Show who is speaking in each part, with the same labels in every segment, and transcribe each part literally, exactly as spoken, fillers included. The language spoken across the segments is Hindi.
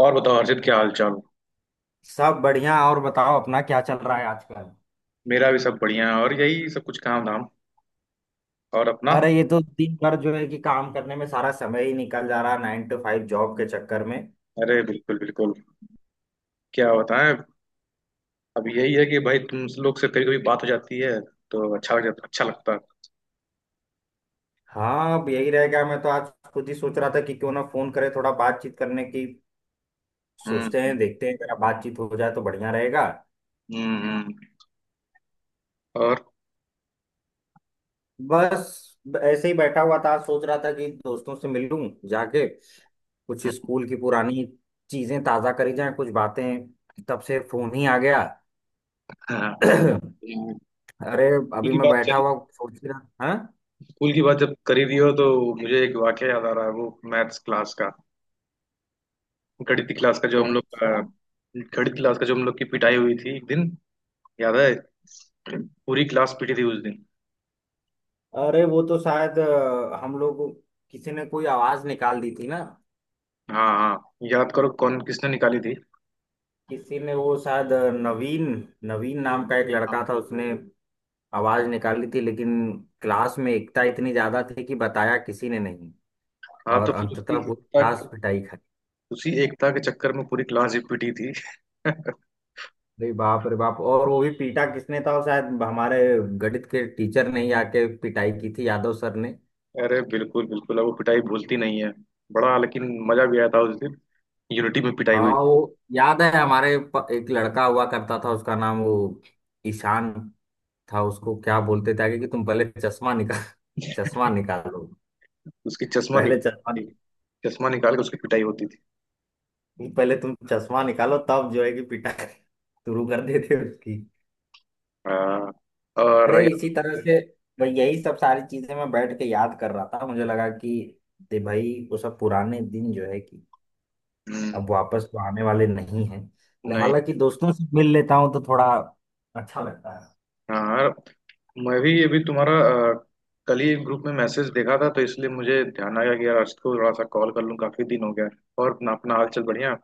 Speaker 1: और बताओ हर्षित, क्या हाल चाल।
Speaker 2: सब बढ़िया। और बताओ अपना क्या चल रहा है आजकल।
Speaker 1: मेरा भी सब बढ़िया है और यही सब कुछ, काम धाम। और अपना?
Speaker 2: अरे ये तो दिन भर जो है कि काम करने में सारा समय ही निकल जा रहा है नाइन टू फाइव जॉब के चक्कर में।
Speaker 1: अरे बिल्कुल बिल्कुल क्या बताएं। अब यही है कि भाई तुम लोग से कभी कभी बात हो जाती है तो अच्छा लग जाता अच्छा लगता है।
Speaker 2: हाँ अब यही रह गया। मैं तो आज खुद ही सोच रहा था कि क्यों ना फोन करे थोड़ा बातचीत करने की। सोचते
Speaker 1: हम्म।
Speaker 2: हैं देखते हैं जरा बातचीत हो जाए तो बढ़िया रहेगा।
Speaker 1: हम्म हम्म। और?
Speaker 2: बस ब- ऐसे ही बैठा हुआ था सोच रहा था कि दोस्तों से मिलूं जाके कुछ स्कूल की पुरानी चीजें ताजा करी जाएं कुछ बातें। तब से फोन ही आ गया।
Speaker 1: हाँ, स्कूल
Speaker 2: अरे अभी
Speaker 1: की
Speaker 2: मैं
Speaker 1: बात
Speaker 2: बैठा
Speaker 1: चली।
Speaker 2: हुआ सोच ही रहा। हाँ।
Speaker 1: स्कूल की बात जब करी दी हो तो मुझे एक वाक्य याद आ रहा है, वो मैथ्स क्लास का, गणित की क्लास का जो हम
Speaker 2: कौन
Speaker 1: लोग अ,
Speaker 2: सा।
Speaker 1: गणित क्लास का जो हम लोग की पिटाई हुई थी एक दिन। याद है? पूरी क्लास पिटी थी उस दिन।
Speaker 2: अरे वो तो शायद अ, हम लोग किसी ने कोई आवाज निकाल दी थी ना।
Speaker 1: हाँ हाँ। याद करो कौन, किसने निकाली थी।
Speaker 2: किसी ने वो शायद अ, नवीन नवीन नाम का एक लड़का था उसने आवाज निकाली थी लेकिन क्लास में एकता इतनी ज्यादा थी कि बताया किसी ने नहीं।
Speaker 1: हाँ,
Speaker 2: और
Speaker 1: तो फिर उसी
Speaker 2: अंततः पूरी
Speaker 1: एकता
Speaker 2: क्लास पिटाई खाई।
Speaker 1: उसी एकता के चक्कर में पूरी क्लास ही पिटी थी।
Speaker 2: अरे बाप रे बाप। और वो भी पीटा किसने था। वो शायद हमारे गणित के टीचर ने ही आके पिटाई की थी यादव सर ने।
Speaker 1: अरे बिल्कुल बिल्कुल। अब वो पिटाई भूलती नहीं है। बड़ा लेकिन मजा भी आया था उस दिन। यूनिटी में पिटाई
Speaker 2: हाँ
Speaker 1: हुई थी।
Speaker 2: वो याद है हमारे प- एक लड़का हुआ करता था उसका नाम वो ईशान था। उसको क्या बोलते थे आगे कि तुम पहले चश्मा निकाल। चश्मा निकालो।
Speaker 1: उसकी चश्मा
Speaker 2: पहले चश्मा।
Speaker 1: निकाल चश्मा निकाल के उसकी पिटाई होती थी।
Speaker 2: पहले तुम चश्मा निकालो तब जो है कि पिटाई शुरू कर देते उसकी।
Speaker 1: हाँ और
Speaker 2: अरे इसी
Speaker 1: यार,
Speaker 2: तरह से भाई यही सब सारी चीजें मैं बैठ के याद कर रहा था। मुझे लगा कि दे भाई वो सब पुराने दिन जो है कि
Speaker 1: हम्म।
Speaker 2: अब वापस तो आने वाले नहीं है।
Speaker 1: नहीं।
Speaker 2: हालांकि दोस्तों से मिल लेता हूँ तो थोड़ा अच्छा लगता है।
Speaker 1: हाँ यार, मैं भी अभी तुम्हारा अ, कल ही ग्रुप में मैसेज देखा था तो इसलिए मुझे ध्यान आया कि यार अर्श को थोड़ा सा कॉल कर लूँ, काफी दिन हो गया। और अपना अपना हाल चाल बढ़िया।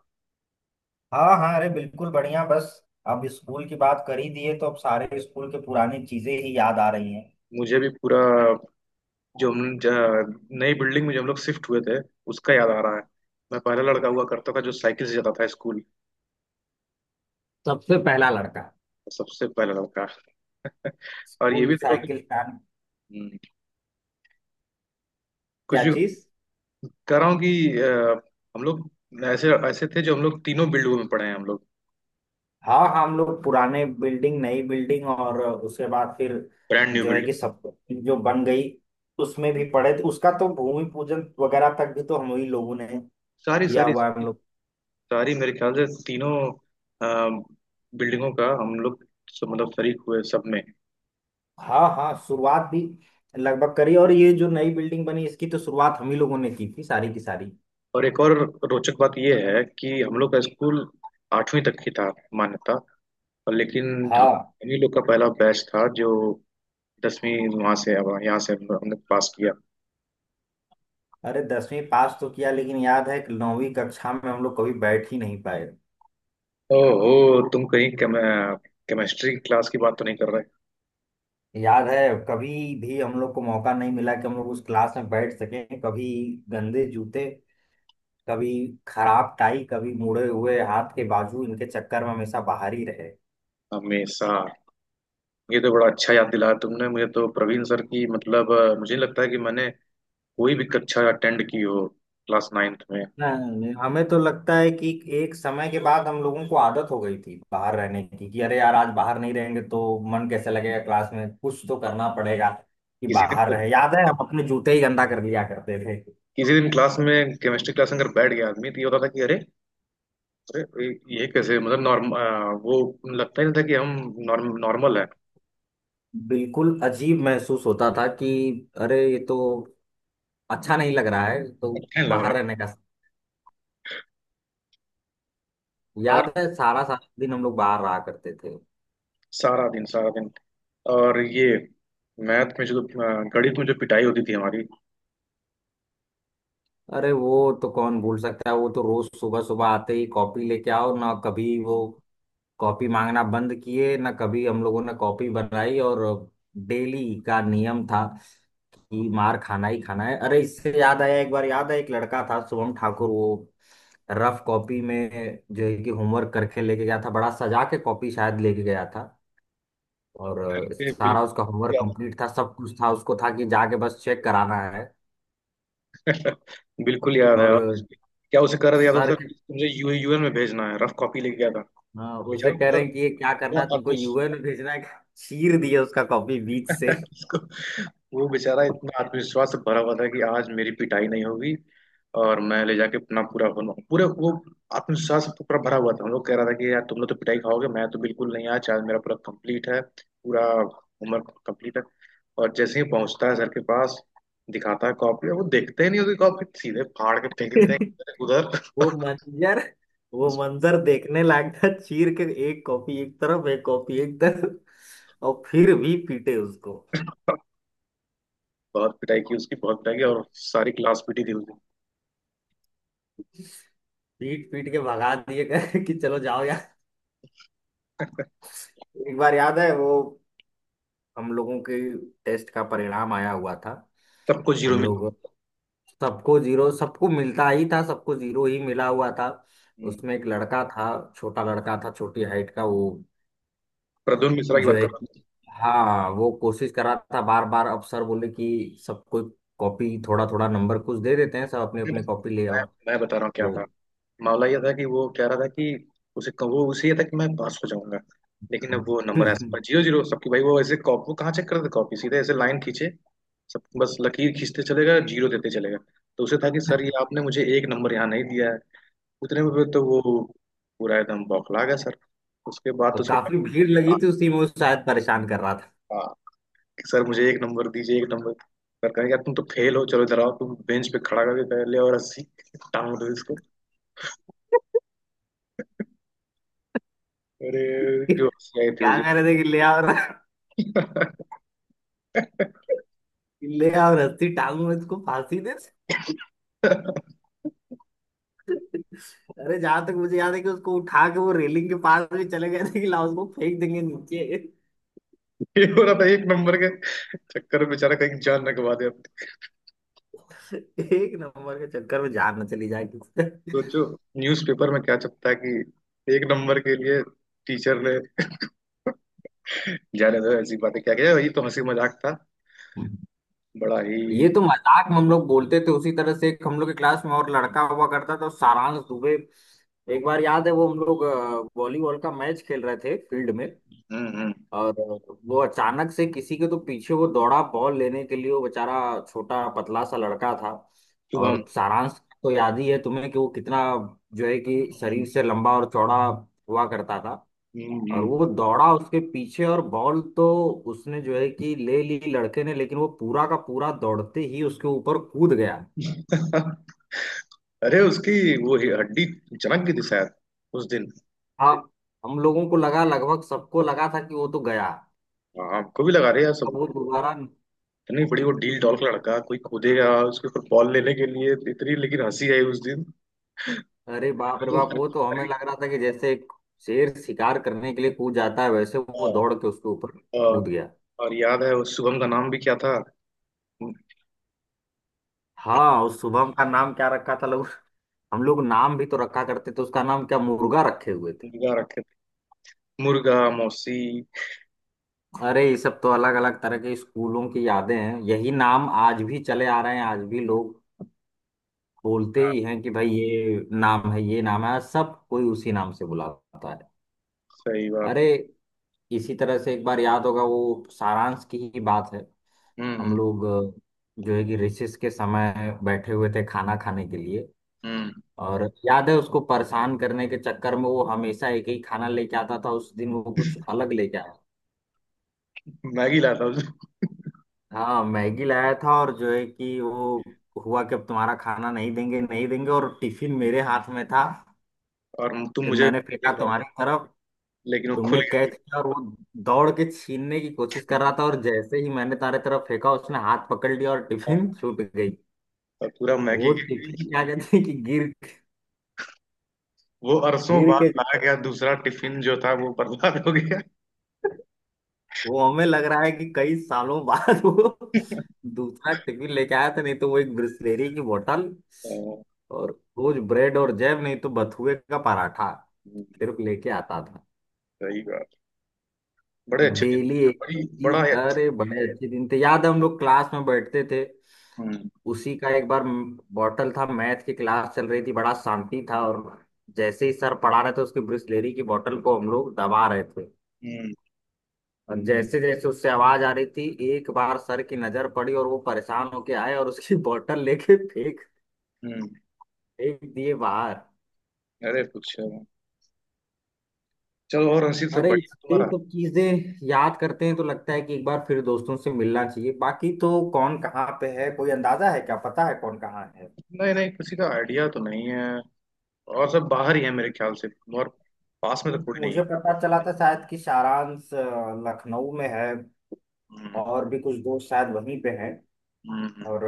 Speaker 2: हाँ हाँ, अरे बिल्कुल बढ़िया। बस अब स्कूल की बात कर ही दिए तो अब सारे स्कूल के पुरानी चीजें ही याद आ रही हैं।
Speaker 1: मुझे भी पूरा, जो हम ज- नई बिल्डिंग में जो हम लोग शिफ्ट हुए थे उसका याद आ रहा है। मैं पहला लड़का हुआ करता था जो साइकिल से जाता था स्कूल।
Speaker 2: सबसे पहला लड़का।
Speaker 1: सबसे पहला लड़का। और ये
Speaker 2: स्कूल
Speaker 1: भी देखो कि,
Speaker 2: साइकिल प्लान।
Speaker 1: हम्म, कुछ
Speaker 2: क्या
Speaker 1: भी।
Speaker 2: चीज।
Speaker 1: कह रहा हूँ कि अ, हम लोग ऐसे ऐसे थे जो हम लोग तीनों बिल्डिंगों में पढ़े हैं हम लोग।
Speaker 2: हाँ हाँ, हम लोग पुराने बिल्डिंग नई बिल्डिंग और उसके बाद फिर
Speaker 1: ब्रांड न्यू
Speaker 2: जो है
Speaker 1: बिल्डिंग।
Speaker 2: कि सब जो बन गई उसमें भी पढ़े थे। उसका तो भूमि पूजन वगैरह तक भी तो हम ही लोगों ने
Speaker 1: सारी
Speaker 2: किया
Speaker 1: सारी।
Speaker 2: हुआ है हम लोग।
Speaker 1: सारी मेरे ख्याल से तीनों अ, बिल्डिंगों का हम लोग सब- मतलब शरीक हुए सब में।
Speaker 2: हाँ हाँ शुरुआत भी लगभग करी और ये जो नई बिल्डिंग बनी इसकी तो शुरुआत हम ही लोगों ने की थी सारी की सारी।
Speaker 1: और एक और रोचक बात यह है कि हम लोग का स्कूल आठवीं तक की था मान्यता, और लेकिन हम
Speaker 2: हाँ।
Speaker 1: हम ही लोग का पहला बैच था जो दसवीं, वहां से, अब यहाँ से हम- हमने पास किया।
Speaker 2: अरे दसवीं पास तो किया लेकिन याद है कि नौवीं कक्षा में हम लोग कभी बैठ ही नहीं पाए।
Speaker 1: ओहो, तुम कहीं केम, केमिस्ट्री क्लास की बात तो नहीं कर रहे।
Speaker 2: याद है कभी भी हम लोग को मौका नहीं मिला कि हम लोग उस क्लास में बैठ सकें। कभी गंदे जूते कभी खराब टाई कभी मुड़े हुए हाथ के बाजू इनके चक्कर में हमेशा बाहर ही रहे।
Speaker 1: हमेशा। ये तो बड़ा अच्छा याद दिलाया तुमने, मुझे तो प्रवीण सर की मतलब अ, मुझे नहीं लगता है कि मैंने कोई भी कक्षा अटेंड की हो क्लास नाइन्थ में।
Speaker 2: नहीं, हमें तो लगता है कि एक समय के बाद हम लोगों को आदत हो गई थी बाहर रहने की कि अरे यार आज बाहर नहीं रहेंगे तो मन कैसे लगेगा क्लास में कुछ तो
Speaker 1: अब,
Speaker 2: करना पड़ेगा कि
Speaker 1: किसी दिन
Speaker 2: बाहर
Speaker 1: तो,
Speaker 2: रहे। याद है हम अपने जूते ही गंदा कर लिया करते थे।
Speaker 1: किसी दिन क्लास में, केमिस्ट्री क्लास में अगर बैठ गया आदमी तो ये होता था कि अरे, अरे ये ये कैसे मतलब नॉर्म वो लगता ही नहीं था कि हम नॉर्म नॉर्मल है।
Speaker 2: बिल्कुल अजीब महसूस होता था कि अरे ये तो अच्छा नहीं लग रहा है तो
Speaker 1: अच्छा नहीं
Speaker 2: बाहर
Speaker 1: लग
Speaker 2: रहने का।
Speaker 1: रहा।
Speaker 2: याद है सारा सारा दिन हम लोग बाहर रहा करते थे।
Speaker 1: सारा दिन सारा दिन। और ये, मैथ में जो अ, गणित में जो पिटाई होती थी हमारी।
Speaker 2: अरे वो तो कौन भूल सकता है। वो तो रोज सुबह सुबह आते ही कॉपी लेके आओ ना कभी वो कॉपी मांगना बंद किए ना कभी हम लोगों ने कॉपी बनाई और डेली का नियम था कि मार खाना ही खाना है। अरे इससे याद आया एक बार याद है एक लड़का था शुभम ठाकुर। वो रफ कॉपी में जो है कि होमवर्क करके लेके गया था बड़ा सजा के कॉपी शायद लेके गया था। और अ,
Speaker 1: ये
Speaker 2: सारा उसका
Speaker 1: बिल्कुल
Speaker 2: होमवर्क
Speaker 1: याद है।
Speaker 2: कंप्लीट था सब कुछ था उसको था कि जाके बस चेक कराना है।
Speaker 1: बिल्कुल याद है।
Speaker 2: और
Speaker 1: और
Speaker 2: अ,
Speaker 1: क्या उसे कर दिया था
Speaker 2: सर
Speaker 1: सर?
Speaker 2: के।
Speaker 1: मुझे यू यूएन में भेजना है, रफ कॉपी लेके गया था।
Speaker 2: हाँ, उसे
Speaker 1: बेचारा
Speaker 2: कह
Speaker 1: पूरा,
Speaker 2: रहे हैं कि ये क्या करना है
Speaker 1: पूरा
Speaker 2: तुमको
Speaker 1: आत्मविश-
Speaker 2: यू एन में भेजना है। चीर दिया उसका कॉपी बीच से।
Speaker 1: उसको, वो बेचारा इतना आत्मविश्वास से भरा हुआ था कि आज मेरी पिटाई नहीं होगी। और मैं ले जाके अपना पूरा बनू पूरे वो आत्मविश्वास से पूरा भरा हुआ था, हम लोग कह रहा था कि यार तुम लोग तो पिटाई खाओगे, मैं तो बिल्कुल नहीं, आज आज मेरा पूरा कंप्लीट है, पूरा होमवर्क कंप्लीट है। और जैसे ही पहुंचता है सर के पास, दिखाता है कॉपी, और वो देखते ही नहीं उसकी कॉपी, सीधे फाड़ के फेंक देते हैं उधर उधर।
Speaker 2: वो मंजर। वो
Speaker 1: उसको
Speaker 2: मंजर देखने लायक था। चीर के एक कॉपी एक तरफ एक कॉपी एक तरफ। और फिर भी पीटे उसको।
Speaker 1: बहुत पिटाई की, उसकी बहुत पिटाई की, और सारी क्लास पीटी थी उसको।
Speaker 2: पीट पीट के भगा दिए कहे कि चलो जाओ यार। एक बार याद है वो हम लोगों के टेस्ट का परिणाम आया हुआ था।
Speaker 1: सबको जीरो
Speaker 2: हम
Speaker 1: मिला।
Speaker 2: लोग सबको जीरो सबको मिलता ही था सबको जीरो ही मिला हुआ था।
Speaker 1: हम्म।
Speaker 2: उसमें एक लड़का था छोटा लड़का था छोटी हाइट का वो
Speaker 1: प्रद्युम्न मिश्रा की
Speaker 2: जो
Speaker 1: बात
Speaker 2: है
Speaker 1: कर
Speaker 2: कि
Speaker 1: रहा।
Speaker 2: हाँ वो कोशिश कर रहा था बार बार। अब सर बोले कि सब कोई कॉपी थोड़ा थोड़ा नंबर कुछ दे देते हैं सब अपने अपने
Speaker 1: नहीं,
Speaker 2: कॉपी ले
Speaker 1: मैं
Speaker 2: आओ।
Speaker 1: मैं बता रहा हूँ क्या
Speaker 2: तो
Speaker 1: था। मामला ये था कि वो कह रहा था कि उसे वो उसे ये था कि मैं पास हो जाऊंगा। लेकिन अब वो नंबर ऐसा, पर जीरो जीरो सबकी, भाई वो ऐसे कॉपी, वो कहाँ चेक करते कॉपी, सीधे ऐसे लाइन खींचे, सब बस लकीर खींचते चलेगा, जीरो देते चलेगा। तो उसे था कि सर ये आपने मुझे एक नंबर यहाँ नहीं दिया है। उतने में फिर तो वो पूरा एकदम बौखला गया सर, उसके बाद
Speaker 2: तो
Speaker 1: उसको।
Speaker 2: काफी भीड़ लगी
Speaker 1: हाँ
Speaker 2: थी उसी में वो शायद परेशान कर रहा था।
Speaker 1: हाँ, कि सर मुझे एक नंबर दीजिए, एक नंबर। सर कहेगा तुम तो फेल हो, चलो इधर आओ, तुम बेंच पे खड़ा करके ले और रस्सी टांग दो। अरे जो हंसी थी
Speaker 2: क्या
Speaker 1: उसे।
Speaker 2: कह रहे थे कि ले आओ। र- ले आओ रस्सी टांगू में उसको फांसी दे। अरे जहां तक मुझे याद है कि उसको उठा के वो रेलिंग के पास भी चले गए थे कि लाओ उसको फेंक देंगे नीचे।
Speaker 1: ये हो रहा था एक नंबर के चक्कर में, बेचारा कहीं जान न गवा दे अपनी।
Speaker 2: एक नंबर के चक्कर में जान न चली जाए किसी से।
Speaker 1: सोचो न्यूज़पेपर में क्या छपता है कि एक नंबर के लिए टीचर ने। जाने दो ऐसी बातें, क्या किया, वही तो हंसी मजाक था बड़ा
Speaker 2: ये
Speaker 1: ही।
Speaker 2: तो मजाक में हम लोग बोलते थे। उसी तरह से एक हम लोग के क्लास में और लड़का हुआ करता था सारांश दुबे। एक बार याद है वो हम लोग अ, वॉलीबॉल का मैच खेल रहे थे फील्ड में।
Speaker 1: हम्म। हम्म
Speaker 2: और वो अचानक से किसी के तो पीछे वो दौड़ा बॉल लेने के लिए। वो बेचारा छोटा पतला सा लड़का था
Speaker 1: शुभम।
Speaker 2: और सारांश तो याद ही है तुम्हें कि वो कितना जो है कि शरीर से लंबा और चौड़ा हुआ करता था।
Speaker 1: हम्म
Speaker 2: और
Speaker 1: हम्म।
Speaker 2: वो दौड़ा उसके पीछे और बॉल तो उसने जो है कि ले ली लड़के ने लेकिन वो पूरा का पूरा दौड़ते ही उसके ऊपर कूद गया।
Speaker 1: अरे उसकी वो ही हड्डी चमक गई थी शायद उस दिन।
Speaker 2: अब हम लोगों को लगा लगभग सबको लगा था कि वो तो गया।
Speaker 1: हाँ हमको भी लगा रहे यार सब।
Speaker 2: अब वो दोबारा
Speaker 1: इतनी बड़ी वो डील डॉल का लड़का, कोई कूदेगा उसके ऊपर बॉल लेने के लिए तो, इतनी लेकिन हंसी आई उस दिन।
Speaker 2: अरे बाप रे
Speaker 1: अरे
Speaker 2: बाप।
Speaker 1: अरे।
Speaker 2: वो तो हमें
Speaker 1: अरे,
Speaker 2: लग रहा था कि जैसे एक शेर शिकार करने के लिए कूद जाता है वैसे
Speaker 1: अ,
Speaker 2: वो दौड़ के उसके ऊपर
Speaker 1: अ,
Speaker 2: कूद गया।
Speaker 1: और याद है उस शुभम का नाम भी क्या था? मु-
Speaker 2: हाँ उस शुभम का नाम क्या रखा था लोग। हम लोग नाम भी तो रखा करते थे। उसका नाम क्या मुर्गा रखे हुए।
Speaker 1: मुर्गा रखे थे, मुर्गा मौसी।
Speaker 2: अरे ये सब तो अलग अलग तरह के स्कूलों की यादें हैं यही नाम आज भी चले आ रहे हैं आज भी लोग बोलते ही हैं कि भाई ये नाम है ये नाम है सब कोई उसी नाम से बुलाता है।
Speaker 1: सही बात।
Speaker 2: अरे इसी तरह से एक बार याद होगा वो सारांश की ही बात है। हम
Speaker 1: हम्म
Speaker 2: लोग अ, जो है कि रिसेस के समय बैठे हुए थे खाना खाने के लिए।
Speaker 1: हम्म।
Speaker 2: और याद है उसको परेशान करने के चक्कर में वो हमेशा एक ही खाना लेके आता था उस दिन वो कुछ अलग लेके आया।
Speaker 1: मैगी लाता हूँ।
Speaker 2: हाँ मैगी लाया था और जो है कि वो हुआ कि अब तुम्हारा खाना नहीं देंगे नहीं देंगे और टिफिन मेरे हाथ में था।
Speaker 1: और तुम
Speaker 2: फिर
Speaker 1: मुझे
Speaker 2: मैंने फेंका
Speaker 1: एक लाते।
Speaker 2: तुम्हारी तरफ।
Speaker 1: लेकिन वो खुल
Speaker 2: तुमने
Speaker 1: गया
Speaker 2: कैच
Speaker 1: टिफिन।
Speaker 2: किया और वो दौड़ के छीनने की कोशिश कर रहा था और जैसे ही मैंने तुम्हारे तरफ फेंका उसने हाथ पकड़ लिया और टिफिन छूट गई।
Speaker 1: और पूरा मैगी
Speaker 2: वो
Speaker 1: गिर
Speaker 2: टिफिन
Speaker 1: गई।
Speaker 2: क्या कहते हैं कि गिर
Speaker 1: वो अरसों
Speaker 2: गिर
Speaker 1: बाद
Speaker 2: के
Speaker 1: लाया गया दूसरा टिफिन जो था वो बर्बाद हो गया।
Speaker 2: वो हमें लग रहा है कि कई सालों बाद वो दूसरा टिफिन लेके आया था। नहीं तो वो एक ब्रिस्लेरी की बोतल
Speaker 1: हाँ,
Speaker 2: और रोज ब्रेड और जैम नहीं तो बथुए का पराठा
Speaker 1: हम्म,
Speaker 2: सिर्फ लेके आता था।
Speaker 1: सही बात। बड़े
Speaker 2: और
Speaker 1: अच्छे दिन
Speaker 2: डेली
Speaker 1: थे।
Speaker 2: एक ही
Speaker 1: बड़ी, बड़ा
Speaker 2: चीज।
Speaker 1: ही
Speaker 2: अरे बड़े
Speaker 1: अच्छा।
Speaker 2: अच्छे दिन थे। याद है हम लोग क्लास में बैठते थे
Speaker 1: हम्म।
Speaker 2: उसी का एक बार बॉटल था मैथ की क्लास चल रही थी बड़ा शांति था और जैसे ही सर पढ़ा रहे थे उसकी ब्रिस्लेरी की बोतल को हम लोग दबा रहे थे।
Speaker 1: हम्म
Speaker 2: और जैसे जैसे उससे आवाज आ रही थी एक बार सर की नजर पड़ी और वो परेशान होके आए और उसकी बोतल लेके फेंक
Speaker 1: हम्म।
Speaker 2: फेंक दिए बाहर।
Speaker 1: अरे कुछ, चलो। और रंजीत सब
Speaker 2: अरे
Speaker 1: बढ़िया
Speaker 2: यही
Speaker 1: तुम्हारा?
Speaker 2: सब चीजें याद करते हैं तो लगता है कि एक बार फिर दोस्तों से मिलना चाहिए। बाकी तो कौन कहाँ पे है कोई अंदाजा है क्या। पता है कौन कहाँ है।
Speaker 1: नहीं नहीं, किसी का आइडिया तो नहीं है। और सब बाहर ही है मेरे ख्याल से, और पास में तो
Speaker 2: मु-
Speaker 1: कोई नहीं है।
Speaker 2: मुझे पता चला था शायद कि सारांश अ, लखनऊ में है
Speaker 1: हम्म
Speaker 2: और भी कुछ दोस्त शायद वहीं पे हैं।
Speaker 1: हम्म। हम्म
Speaker 2: और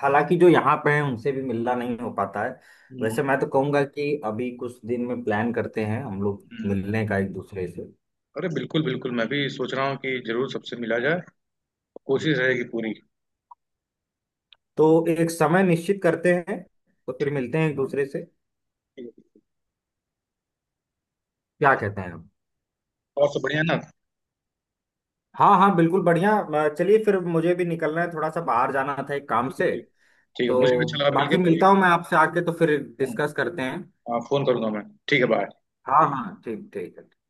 Speaker 2: हालांकि जो यहाँ पे हैं उनसे भी मिलना नहीं हो पाता है।
Speaker 1: हम्म।
Speaker 2: वैसे मैं तो कहूंगा कि अभी कुछ दिन में प्लान करते हैं हम लोग
Speaker 1: हम्म।
Speaker 2: मिलने का एक दूसरे से।
Speaker 1: अरे बिल्कुल बिल्कुल, मैं भी सोच रहा हूँ कि जरूर सबसे मिला जाए, कोशिश रहेगी पूरी।
Speaker 2: तो एक समय निश्चित करते हैं तो फिर
Speaker 1: ठीक है
Speaker 2: मिलते हैं एक दूसरे से।
Speaker 1: ठीक है।
Speaker 2: क्या कहते हैं हम।
Speaker 1: और सब बढ़िया है ना?
Speaker 2: हाँ हाँ बिल्कुल बढ़िया अ, चलिए फिर मुझे भी निकलना है थोड़ा सा बाहर जाना था एक काम
Speaker 1: ठीक है
Speaker 2: से।
Speaker 1: ठीक है। ठीक है, मुझे भी
Speaker 2: तो
Speaker 1: अच्छा लगा मिलके
Speaker 2: बाकी
Speaker 1: अभी।
Speaker 2: मिलता हूँ मैं आपसे आके तो फिर डिस्कस करते हैं।
Speaker 1: हाँ फोन करूंगा मैं। ठीक है, बाय।
Speaker 2: हाँ हाँ ठीक ठीक है।